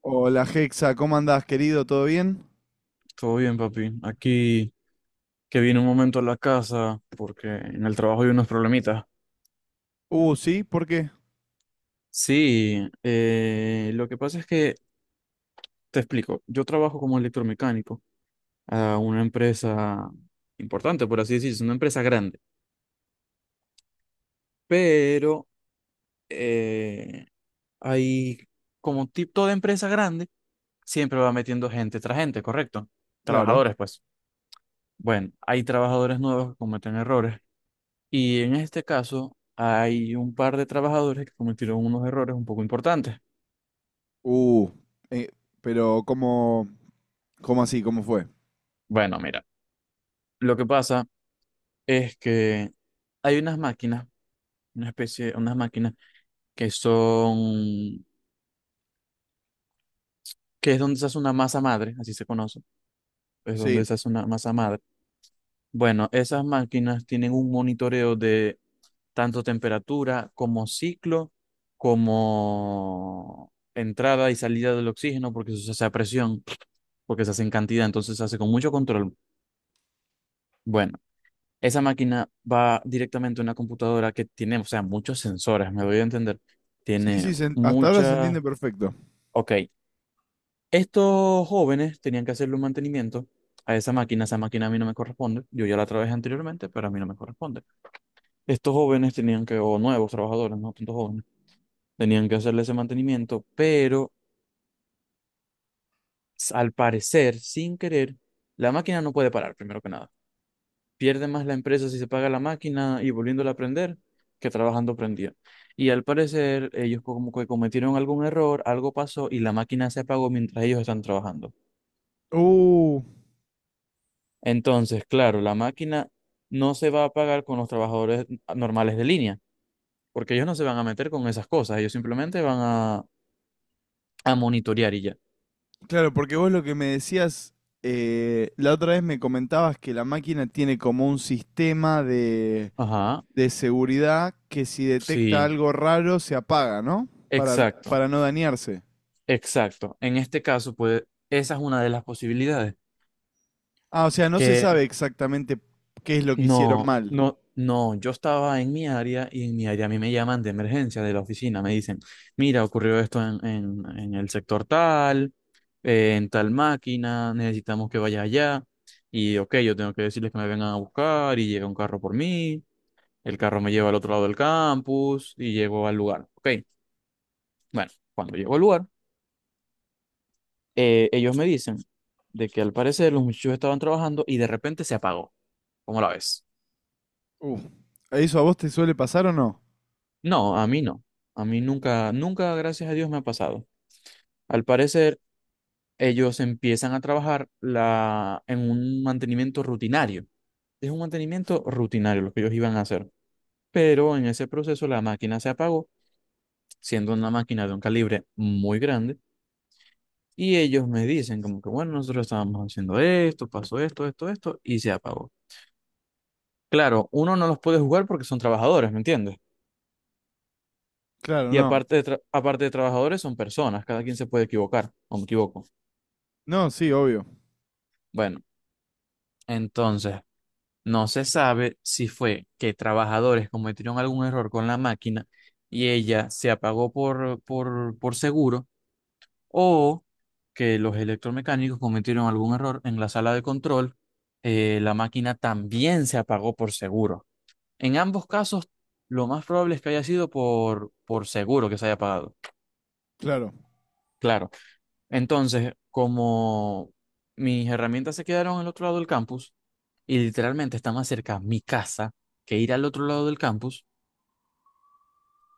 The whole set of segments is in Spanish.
Hola Hexa, ¿cómo andás, querido? ¿Todo bien? Todo bien, papi. Aquí que vine un momento a la casa porque en el trabajo hay unos problemitas. Sí, ¿por qué? Sí, lo que pasa es te explico, yo trabajo como electromecánico a una empresa importante, por así decirlo, es una empresa grande, pero eh, hay como tipo toda empresa grande, siempre va metiendo gente tras gente, ¿correcto? Claro. Trabajadores, pues. Bueno, hay trabajadores nuevos que cometen errores. Y en este caso hay un par de trabajadores que cometieron unos errores un poco importantes. Uh, eh, pero ¿cómo así? ¿Cómo fue? Bueno, mira, lo que pasa es que hay unas máquinas, una especie, unas máquinas que son, que es donde se hace una masa madre, así se conoce, es Sí. donde se hace una masa madre. Bueno, esas máquinas tienen un monitoreo de tanto temperatura como ciclo, como entrada y salida del oxígeno, porque eso se hace a presión, porque se hace en cantidad, entonces se hace con mucho control. Bueno, esa máquina va directamente a una computadora que tiene, o sea, muchos sensores, me doy a entender. Sí, sí, Tiene hasta ahora se muchas... entiende perfecto. Ok, estos jóvenes tenían que hacerle un mantenimiento a esa máquina. Esa máquina a mí no me corresponde. Yo ya la trabajé anteriormente, pero a mí no me corresponde. Estos jóvenes tenían que, o nuevos trabajadores, no tantos jóvenes, tenían que hacerle ese mantenimiento, pero al parecer, sin querer, la máquina no puede parar, primero que nada. Pierde más la empresa si se paga la máquina y volviéndola a prender que trabajando prendida. Y al parecer ellos como que cometieron algún error, algo pasó y la máquina se apagó mientras ellos están trabajando. Uh, Entonces, claro, la máquina no se va a pagar con los trabajadores normales de línea, porque ellos no se van a meter con esas cosas, ellos simplemente van a monitorear y ya. claro, porque vos lo que me decías, la otra vez me comentabas que la máquina tiene como un sistema Ajá, de seguridad que si detecta sí, algo raro se apaga, ¿no? Para, exacto, para no dañarse. exacto. En este caso, pues esa es una de las posibilidades, Ah, o sea, no se que sabe exactamente qué es lo que hicieron no, mal. no, no, yo estaba en mi área y en mi área a mí me llaman de emergencia de la oficina, me dicen, mira, ocurrió esto en el sector tal, en tal máquina, necesitamos que vaya allá y ok, yo tengo que decirles que me vengan a buscar y llega un carro por mí, el carro me lleva al otro lado del campus y llego al lugar. Ok, bueno, cuando llego al lugar, ellos me dicen de que al parecer los muchachos estaban trabajando y de repente se apagó, ¿cómo la ves? Uh, ¿Eso a vos te suele pasar o no? No, a mí no. A mí nunca, nunca, gracias a Dios, me ha pasado. Al parecer, ellos empiezan a trabajar en un mantenimiento rutinario. Es un mantenimiento rutinario lo que ellos iban a hacer. Pero en ese proceso la máquina se apagó, siendo una máquina de un calibre muy grande. Y ellos me dicen como que, bueno, nosotros estábamos haciendo esto, pasó esto, esto, esto, y se apagó. Claro, uno no los puede jugar porque son trabajadores, ¿me entiendes? Claro, Y no. aparte de, aparte de trabajadores, son personas, cada quien se puede equivocar, o me equivoco. No, sí, obvio. Bueno. Entonces, no se sabe si fue que trabajadores cometieron algún error con la máquina y ella se apagó por seguro o que los electromecánicos cometieron algún error en la sala de control. Eh, la máquina también se apagó por seguro. En ambos casos, lo más probable es que haya sido por seguro que se haya apagado. Claro. Claro. Entonces, como mis herramientas se quedaron al otro lado del campus, y literalmente está más cerca mi casa que ir al otro lado del campus.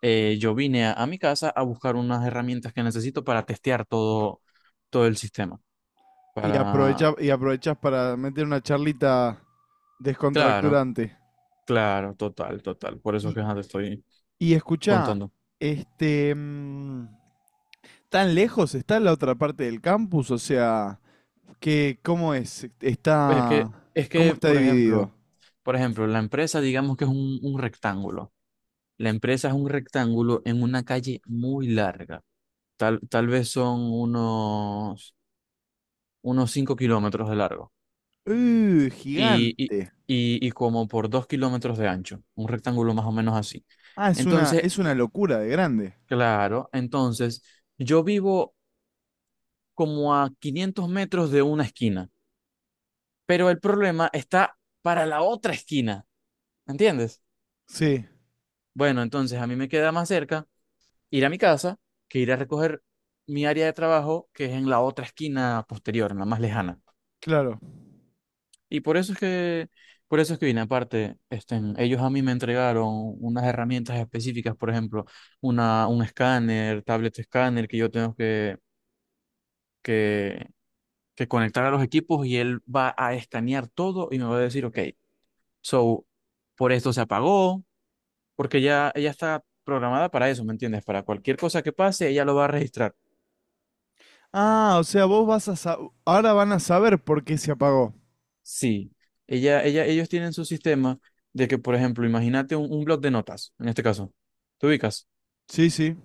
Yo vine a mi casa a buscar unas herramientas que necesito para testear todo el sistema. Y Para, aprovechás, y aprovechás para meter una charlita claro, descontracturante. claro, total, total. Por eso es Y, que ajá, te estoy y escuchá, contando. este, ¿tan lejos está la otra parte del campus? O sea, ¿qué, cómo es? Es que, Está, es ¿cómo que, está por dividido? ejemplo, por ejemplo, la empresa, digamos que es un rectángulo. La empresa es un rectángulo en una calle muy larga. Tal vez son unos 5 kilómetros de largo. Y, y, Gigante. y como por 2 kilómetros de ancho, un rectángulo más o menos así. Ah, Entonces, es una locura de grande. claro, entonces yo vivo como a 500 metros de una esquina, pero el problema está para la otra esquina, ¿entiendes? Sí, Bueno, entonces a mí me queda más cerca ir a mi casa que ir a recoger mi área de trabajo, que es en la otra esquina posterior, en la más lejana. claro. Y por eso es que, por eso es que vine. Aparte, este, ellos a mí me entregaron unas herramientas específicas, por ejemplo, un escáner, tablet escáner que yo tengo que, que conectar a los equipos y él va a escanear todo y me va a decir, ok, so, por esto se apagó, porque ya ella está programada para eso, ¿me entiendes? Para cualquier cosa que pase, ella lo va a registrar. Ah, o sea, vos vas a sa- ahora van a saber por qué se apagó. Sí, ellos tienen su sistema de que, por ejemplo, imagínate un blog de notas, en este caso, ¿te ubicas? Sí, sí.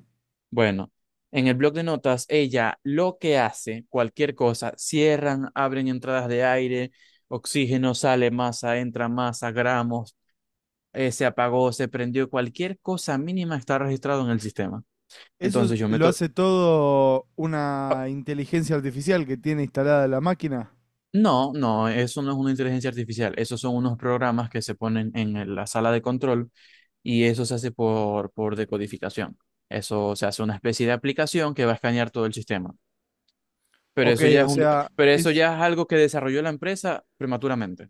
Bueno, en el blog de notas, ella lo que hace, cualquier cosa, cierran, abren entradas de aire, oxígeno, sale masa, entra masa, gramos, se apagó, se prendió, cualquier cosa mínima está registrado en el sistema. Entonces yo Lo meto... hace todo Ah, una inteligencia artificial que tiene instalada la máquina. no, no, eso no es una inteligencia artificial, esos son unos programas que se ponen en la sala de control y eso se hace por decodificación. Eso se hace una especie de aplicación que va a escanear todo el sistema. Pero Ok, eso ya o es un, sea, pero eso es ya es algo que desarrolló la empresa prematuramente.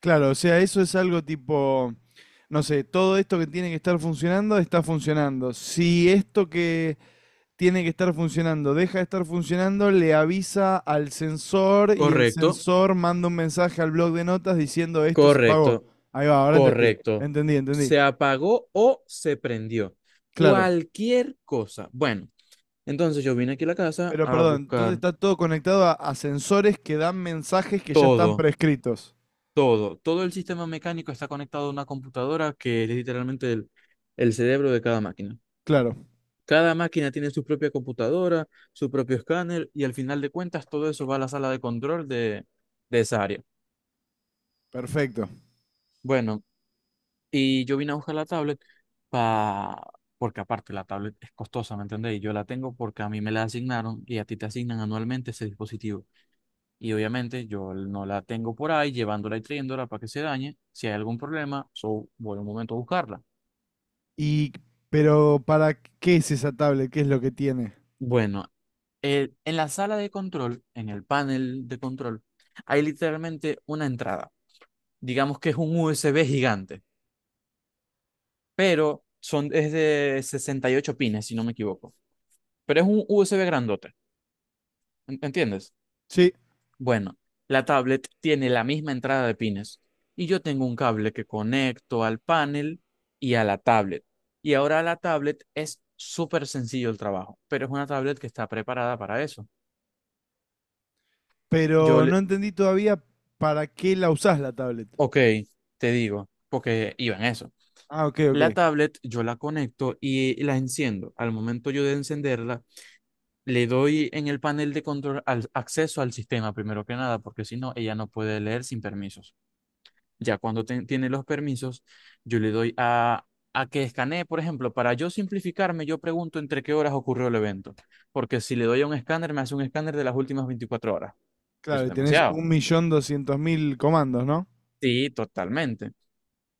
claro, o sea, eso es algo tipo, no sé, todo esto que tiene que estar funcionando está funcionando. Si esto que tiene que estar funcionando deja de estar funcionando, le avisa al sensor y el Correcto, sensor manda un mensaje al blog de notas diciendo esto se apagó. correcto, Ahí va, ahora entendí, correcto. entendí, entendí. Se apagó o se prendió. Claro. Cualquier cosa. Bueno, entonces yo vine aquí a la casa Pero a perdón, entonces buscar está todo conectado a sensores que dan mensajes que ya están todo, prescritos. todo. Todo el sistema mecánico está conectado a una computadora que es literalmente el cerebro de cada máquina. Claro, Cada máquina tiene su propia computadora, su propio escáner y al final de cuentas todo eso va a la sala de control de esa área. perfecto. Bueno, y yo vine a buscar la tablet pa... porque aparte la tablet es costosa, ¿me entendés? Y yo la tengo porque a mí me la asignaron y a ti te asignan anualmente ese dispositivo. Y obviamente yo no la tengo por ahí llevándola y trayéndola para que se dañe. Si hay algún problema, so, voy un momento a buscarla. Y, pero ¿para qué es esa tablet? ¿Qué es lo que tiene? Bueno, en la sala de control, en el panel de control, hay literalmente una entrada. Digamos que es un USB gigante, pero son, es de 68 pines, si no me equivoco. Pero es un USB grandote, ¿entiendes? Sí, Bueno, la tablet tiene la misma entrada de pines y yo tengo un cable que conecto al panel y a la tablet. Y ahora la tablet es súper sencillo el trabajo, pero es una tablet que está preparada para eso. Yo pero no le, entendí todavía para qué la usás la tablet. ok, te digo, porque iba en eso. Ah, ok, ok. La tablet yo la conecto y la enciendo. Al momento yo de encenderla, le doy en el panel de control al acceso al sistema primero que nada, porque si no, ella no puede leer sin permisos. Ya cuando tiene los permisos, yo le doy a que escanee, por ejemplo, para yo simplificarme, yo pregunto entre qué horas ocurrió el evento, porque si le doy a un escáner, me hace un escáner de las últimas 24 horas. Eso Claro, es y tenés demasiado. 1.200.000 comandos, ¿no? Sí, totalmente.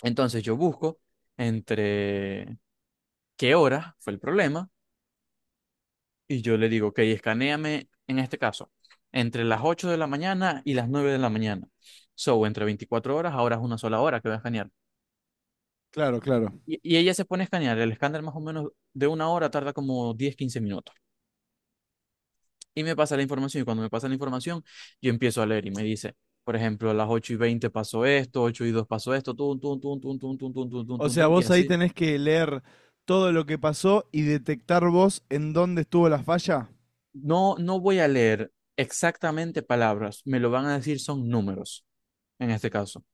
Entonces yo busco entre qué hora fue el problema y yo le digo, ok, escanéame en este caso, entre las 8 de la mañana y las 9 de la mañana. So, entre 24 horas, ahora es una sola hora que voy a escanear. Claro, claro. Y ella se pone a escanear. El escáner más o menos de una hora tarda como 10 a 15 minutos. Y me pasa la información. Y cuando me pasa la información, yo empiezo a leer y me dice, por ejemplo, a las 8:20 pasó esto, 8:02 pasó esto, tun, tun, tun, tun, tun, tun, tun, tun, tun, O tun, sea, tun, y vos ahí así. tenés que leer todo lo que pasó y detectar vos en dónde estuvo la falla. No, no voy a leer exactamente palabras. Me lo van a decir son números, en este caso.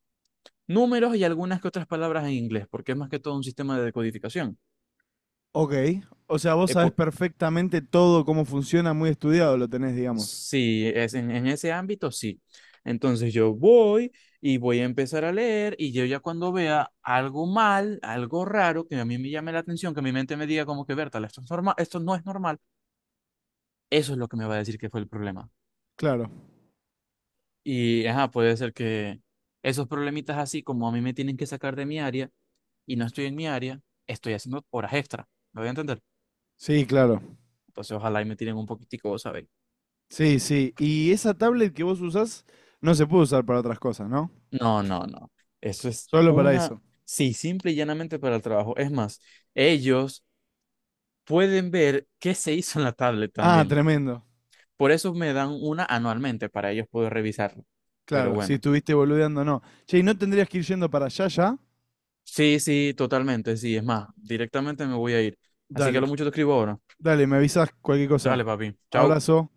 Números y algunas que otras palabras en inglés, porque es más que todo un sistema de decodificación. Ok. O sea, vos Eh, sabés po- perfectamente todo cómo funciona, muy estudiado lo tenés, digamos. Sí, es en ese ámbito sí. Entonces yo voy y voy a empezar a leer y yo ya cuando vea algo mal, algo raro, que a mí me llame la atención, que mi mente me diga como que Bertal, esto es normal, esto no es normal, eso es lo que me va a decir que fue el problema. Claro. Y ajá, puede ser que esos problemitas así como a mí me tienen que sacar de mi área y no estoy en mi área, estoy haciendo horas extra, ¿me voy a entender? Sí, claro. Entonces ojalá y me tiren un poquitico, ¿sabes? Sí, sí. Y esa tablet que vos usás no se puede usar para otras cosas, ¿no? No, no, no. Eso es Solo para una, eso. sí, simple y llanamente para el trabajo. Es más, ellos pueden ver qué se hizo en la tablet Ah, también. tremendo. Por eso me dan una anualmente para ellos poder revisarlo. Pero Claro, si bueno, estuviste boludeando, no. Che, ¿y no tendrías que ir yendo para allá ya? sí, sí, totalmente, sí. Es más, directamente me voy a ir. Así que a Dale, lo mucho te escribo ahora. dale, me avisás cualquier cosa. Dale, papi. Chao. Abrazo.